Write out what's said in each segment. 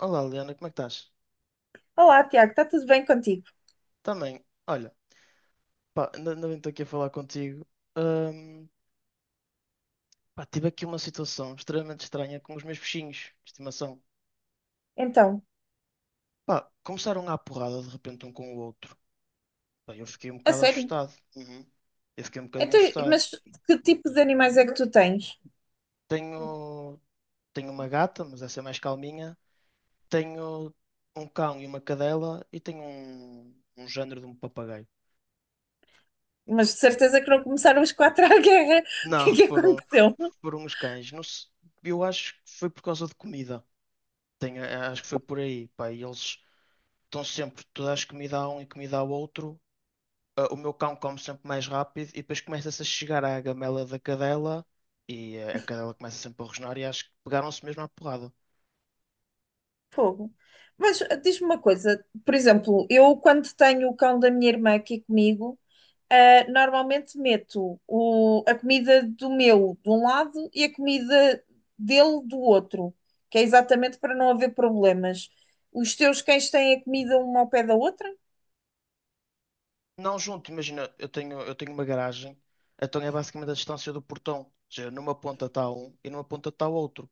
Olá, Liana, como é que estás? Olá, Tiago, está tudo bem contigo? Também, olha, pá, ainda bem que estou aqui a falar contigo. Ahm, pá, tive aqui uma situação extremamente estranha com os meus peixinhos de estimação. Então, Pá, começaram à porrada de repente um com o outro. Pá, eu fiquei um a bocado sério? assustado. Uhum. Eu fiquei um bocadinho Então, assustado mas que tipo de mesmo. animais é que tu tens? Tenho, tenho uma gata, mas essa é mais calminha. Tenho um cão e uma cadela e tenho um género de um papagaio. Mas de certeza que não começaram os quatro à guerra. O que é Não, que aconteceu? foram os cães. Eu acho que foi por causa de comida. Acho que foi por aí, pá. E eles estão sempre, tu dás comida a um e comida ao outro. Ah, o meu cão come sempre mais rápido e depois começa-se a chegar à gamela da cadela e a cadela começa sempre a rosnar e acho que pegaram-se mesmo à porrada. Fogo. Mas diz-me uma coisa, por exemplo, eu quando tenho o cão da minha irmã aqui comigo, normalmente meto a comida do meu de um lado e a comida dele do outro, que é exatamente para não haver problemas. Os teus cães têm a comida uma ao pé da outra? Não junto, imagina, eu tenho uma garagem, então é basicamente a distância do portão. Ou seja, numa ponta está um e numa ponta está o outro.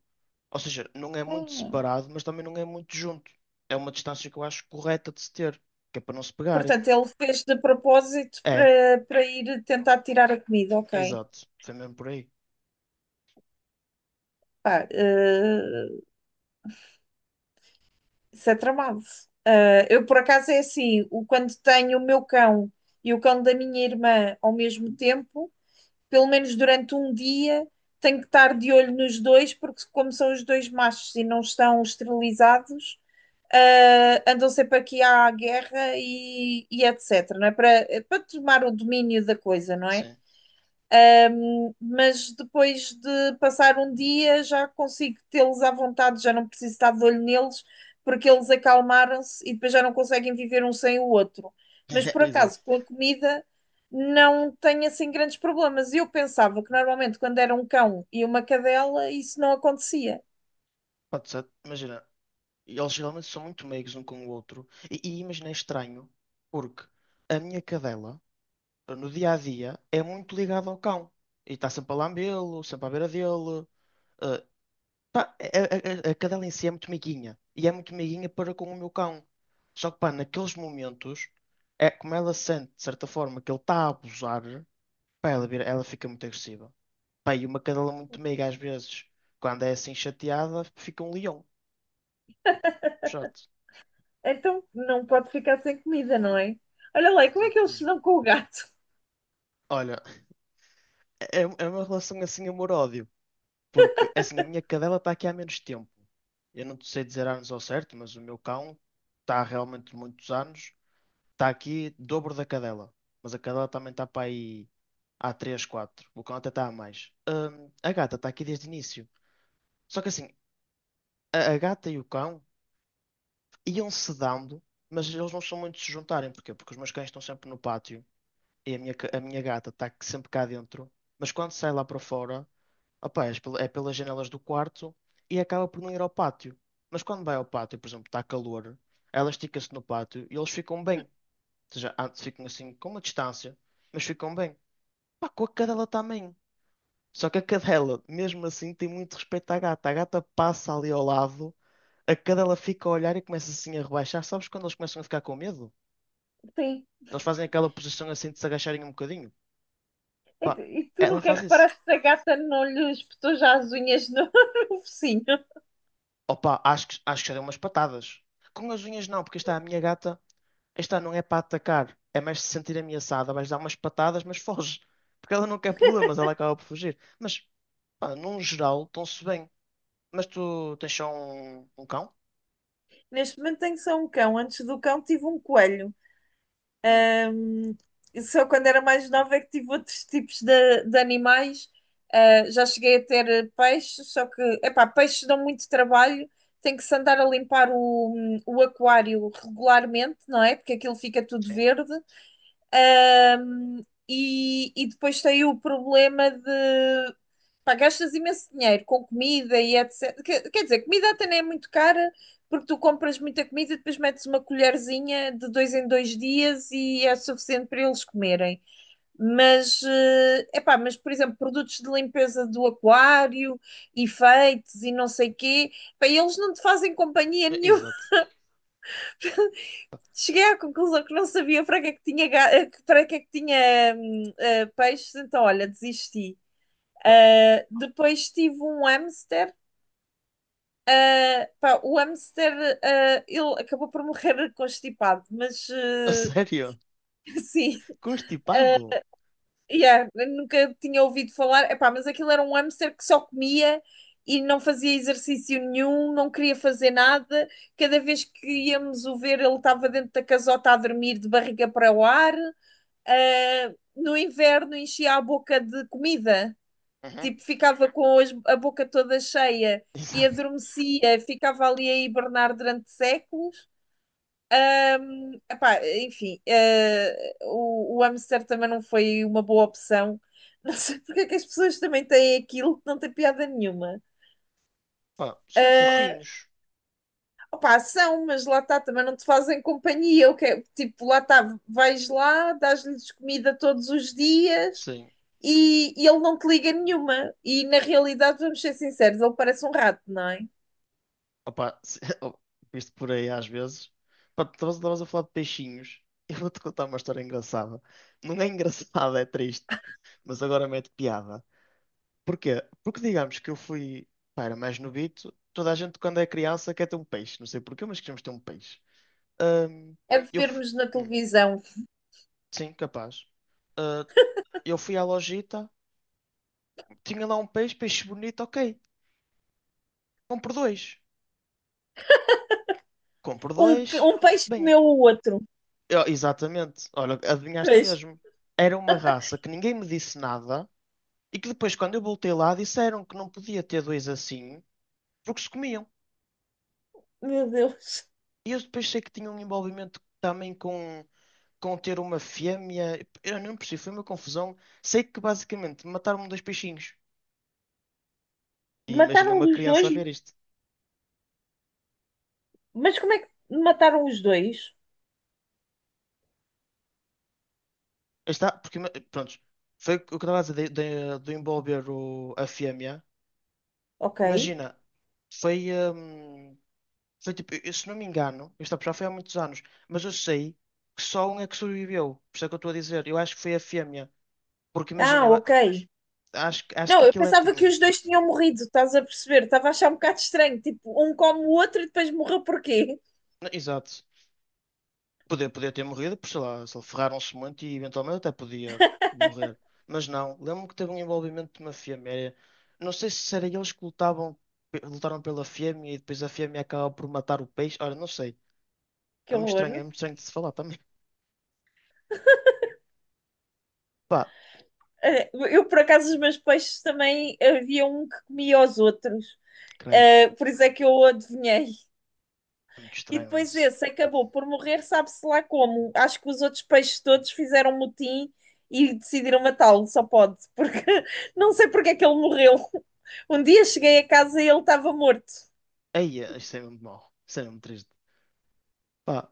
Ou seja, não é muito Hum. separado, mas também não é muito junto. É uma distância que eu acho correta de se ter, que é para não se pegarem. Portanto, ele fez de propósito É, para ir tentar tirar a comida, ok. exato. Foi mesmo por aí. Pá, isso é tramado. Eu, por acaso, é assim, o, quando tenho o meu cão e o cão da minha irmã ao mesmo tempo, pelo menos durante um dia, tenho que estar de olho nos dois, porque como são os dois machos e não estão esterilizados, andam sempre aqui à guerra e etc, não é? Para tomar o domínio da coisa, não é? Sim, Mas depois de passar um dia já consigo tê-los à vontade, já não preciso estar de olho neles, porque eles acalmaram-se e depois já não conseguem viver um sem o outro. Mas por exato. acaso, com a comida, não tenho assim grandes problemas. Eu pensava que normalmente quando era um cão e uma cadela, isso não acontecia. Pode ser, imagina, eles geralmente são muito meigos um com o outro. E imagina, é estranho, porque a minha cadela, no dia a dia, é muito ligada ao cão. E está sempre a lambê-lo, sempre à beira dele. eh, pá, a cadela em si é muito meiguinha. E é muito meiguinha para com o meu cão. Só que, pá, naqueles momentos, é como ela sente, de certa forma, que ele está a abusar, pá, ela fica muito agressiva. Pá, e uma cadela muito meiga, às vezes, quando é assim chateada, fica um leão. Chato. Então não pode ficar sem comida, não é? Olha lá, e como é Exato, que eles se diz-me. dão com o gato? Olha, é uma relação assim amor-ódio, porque assim, a minha cadela está aqui há menos tempo. Eu não te sei dizer anos ao certo, mas o meu cão está realmente muitos anos, está aqui dobro da cadela. Mas a cadela também está para aí há 3, 4. O cão até está a mais. A gata está aqui desde o início. Só que assim, a gata e o cão iam se dando, mas eles não são muito de se juntarem. Porquê? Porque os meus cães estão sempre no pátio e a minha, a minha gata está sempre cá dentro, mas quando sai lá para fora, opá, é pelas janelas do quarto e acaba por não ir ao pátio. Mas quando vai ao pátio, por exemplo, está calor, ela estica-se no pátio e eles ficam bem. Ou seja, antes ficam assim com uma distância, mas ficam bem. Pá, com a cadela também. Só que a cadela, mesmo assim, tem muito respeito à gata. A gata passa ali ao lado, a cadela fica a olhar e começa assim a rebaixar. Sabes quando eles começam a ficar com medo? Sim. Eles fazem aquela posição assim de se agacharem um bocadinho. E tu Pá, e tu ela nunca faz isso. reparaste se a gata não lhe espetou já as unhas no no focinho? Opa, acho que já dei umas patadas. Com as unhas não, porque esta é a minha gata, esta não é para atacar, é mais se sentir ameaçada, vais dar umas patadas, mas foge. Porque ela não quer problemas, ela acaba por fugir. Mas, pá, num geral, estão-se bem. Mas tu tens só um cão? Neste momento tenho só um cão. Antes do cão tive um coelho. Hum. Hum. E só quando era mais nova é que tive outros tipos de animais. Ah, já cheguei a ter peixes, só que, epá, peixes dão muito trabalho. Tem que se andar a limpar o aquário regularmente, não é? Porque aquilo fica tudo Sim. verde. E, depois tem o problema de pá, gastas imenso dinheiro com comida e etc. Quer dizer, comida até nem é muito cara, porque tu compras muita comida e depois metes uma colherzinha de dois em dois dias e é suficiente para eles comerem. Mas, é pá, mas por exemplo, produtos de limpeza do aquário, efeitos e não sei quê, pá, eles não te fazem companhia nenhuma. exato. Cheguei à conclusão que não sabia para que é que tinha, para que é que tinha peixes, então olha, desisti. Pá, Ah, depois tive um hamster. Ah, pá, o hamster, ele acabou por morrer constipado, mas a sério? sim, ah, Constipado? yeah, nunca tinha ouvido falar. Epá, mas aquilo era um hamster que só comia e não fazia exercício nenhum, não queria fazer nada. Cada vez que íamos o ver, ele estava dentro da casota a dormir de barriga para o ar. No inverno enchia a boca de comida, Uhum. tipo, ficava com a boca toda cheia e Exato. adormecia, ficava ali a hibernar durante séculos. Epá, enfim, o, hamster também não foi uma boa opção. Não sei porque é que as pessoas também têm aquilo que não tem piada nenhuma. Pá, são Ah, fofinhos. opá, são, mas lá está, também não te fazem companhia. O que é- tipo, lá está, vais lá, dás-lhes comida todos os dias, Sim. e ele não te liga nenhuma. E na realidade, vamos ser sinceros, ele parece um rato, não é? Opa, visto por aí às vezes. Pá, tu estavas a falar de peixinhos. Eu vou-te contar uma história engraçada. Não é engraçada, é triste. Mas agora mete piada. Porquê? Porque digamos que eu fui. Pá, era mais novito. Toda a gente, quando é criança, quer ter um peixe. Não sei porquê, mas queremos ter um peixe. Ahm, É de eu fui. vermos na hum, televisão sim, capaz. Ah, eu fui à lojita. Tinha lá um peixe, peixe bonito, ok. Compro dois. Compro um, dois. um peixe Bem. comeu o outro. Exatamente. Olha, adivinhaste Peixe, mesmo. Era uma raça que ninguém me disse nada e que depois, quando eu voltei lá, disseram que não podia ter dois assim porque se comiam. meu Deus. E eu depois sei que tinha um envolvimento também com ter uma fêmea. Eu não percebi, foi uma confusão. Sei que basicamente mataram-me dois peixinhos. E imagina Mataram uma os criança dois, a ver isto. mas como é que mataram os dois? Está, porque, pronto, foi o que eu estava a dizer de envolver a fêmea. Ok. Imagina, foi. Foi tipo, eu, se não me engano, isto já foi há muitos anos, mas eu sei que só um é que sobreviveu. Por isso é que eu estou a dizer. Eu acho que foi a fêmea. Porque Ah, imagina, ok. Acho Não, que eu aquilo é pensava tipo. que os dois tinham morrido, estás a perceber? Estava a achar um bocado estranho. Tipo, um come o outro e depois morreu porquê? Exato. Podia ter morrido, por sei lá, se ele ferraram-se muito e eventualmente até podia morrer. Mas não, lembro-me que teve um envolvimento de uma fêmea. Não sei se era eles que lutavam, lutaram pela fêmea e depois a fêmea acaba por matar o peixe. Ora, não sei. Que horror. É muito estranho de se falar também. Pá, Eu, por acaso, os meus peixes também havia um que comia os outros. credo. Por isso é que eu o adivinhei. É muito E estranho depois isso. esse acabou por morrer, sabe-se lá como. Acho que os outros peixes todos fizeram motim e decidiram matá-lo, só pode, porque não sei porque é que ele morreu. Um dia cheguei a casa e ele estava morto. Ei, é, isto é mesmo mau. Isto é mesmo triste. Pá,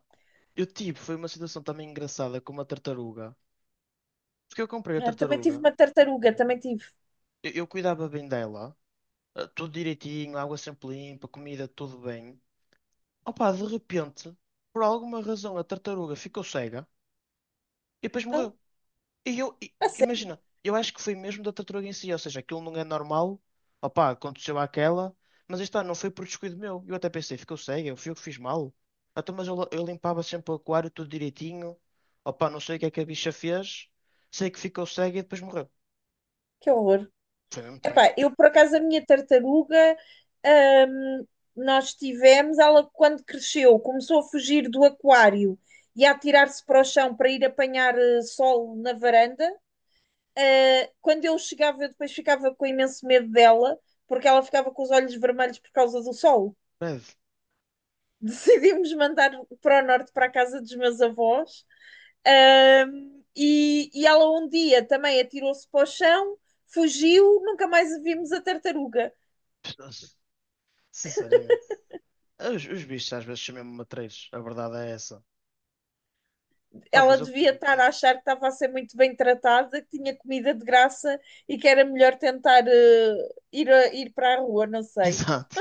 eu tive, foi uma situação também engraçada com uma tartaruga. Porque eu comprei a Ah, também tartaruga, tive uma tartaruga, também tive. Eu cuidava bem dela, tudo direitinho, água sempre limpa, comida tudo bem. Opa, de repente, por alguma razão, a tartaruga ficou cega e depois Ah, morreu. A sério, Imagina, eu acho que foi mesmo da tartaruga em si, ou seja, aquilo não é normal, opá, aconteceu aquela, mas aí está, não foi por descuido meu. Eu até pensei, ficou cega, eu fui eu que fiz mal. Ah, então, eu limpava sempre o aquário tudo direitinho, opá, não sei o que é que a bicha fez, sei que ficou cega e depois morreu. que horror. Foi mesmo estranho. Epá, eu por acaso a minha tartaruga, hum, nós tivemos, ela quando cresceu começou a fugir do aquário e a atirar-se para o chão para ir apanhar sol na varanda. Quando eu chegava, eu depois ficava com imenso medo dela, porque ela ficava com os olhos vermelhos por causa do sol. Breve. Decidimos mandar para o norte, para a casa dos meus avós. E ela um dia também atirou-se para o chão, fugiu, nunca mais a vimos a tartaruga. Sinceramente. Os bichos às vezes são mesmo matreiros, a verdade é essa. Pá, Ela mas eu. devia estar a Hum. achar que estava a ser muito bem tratada, que tinha comida de graça e que era melhor tentar ir, ir para a rua, não sei. Exato.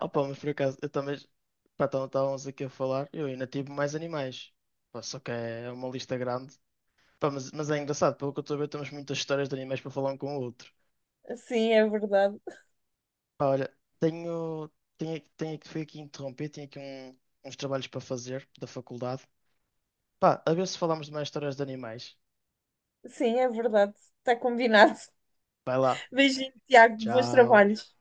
Opa, mas por acaso, eu também. Pá, então estávamos aqui a falar, eu ainda tive mais animais. Pá, só que é uma lista grande. Pá, mas é engraçado, pelo que eu estou a ver, temos muitas histórias de animais para falar um com o outro. Sim, é verdade. Pá, olha, tenho. Tenho que fui aqui interromper, tenho aqui uns trabalhos para fazer da faculdade. Pá, a ver se falamos de mais histórias de animais. Sim, é verdade. Está combinado. Vai lá. Beijinho, Tiago. Bons Tchau. trabalhos.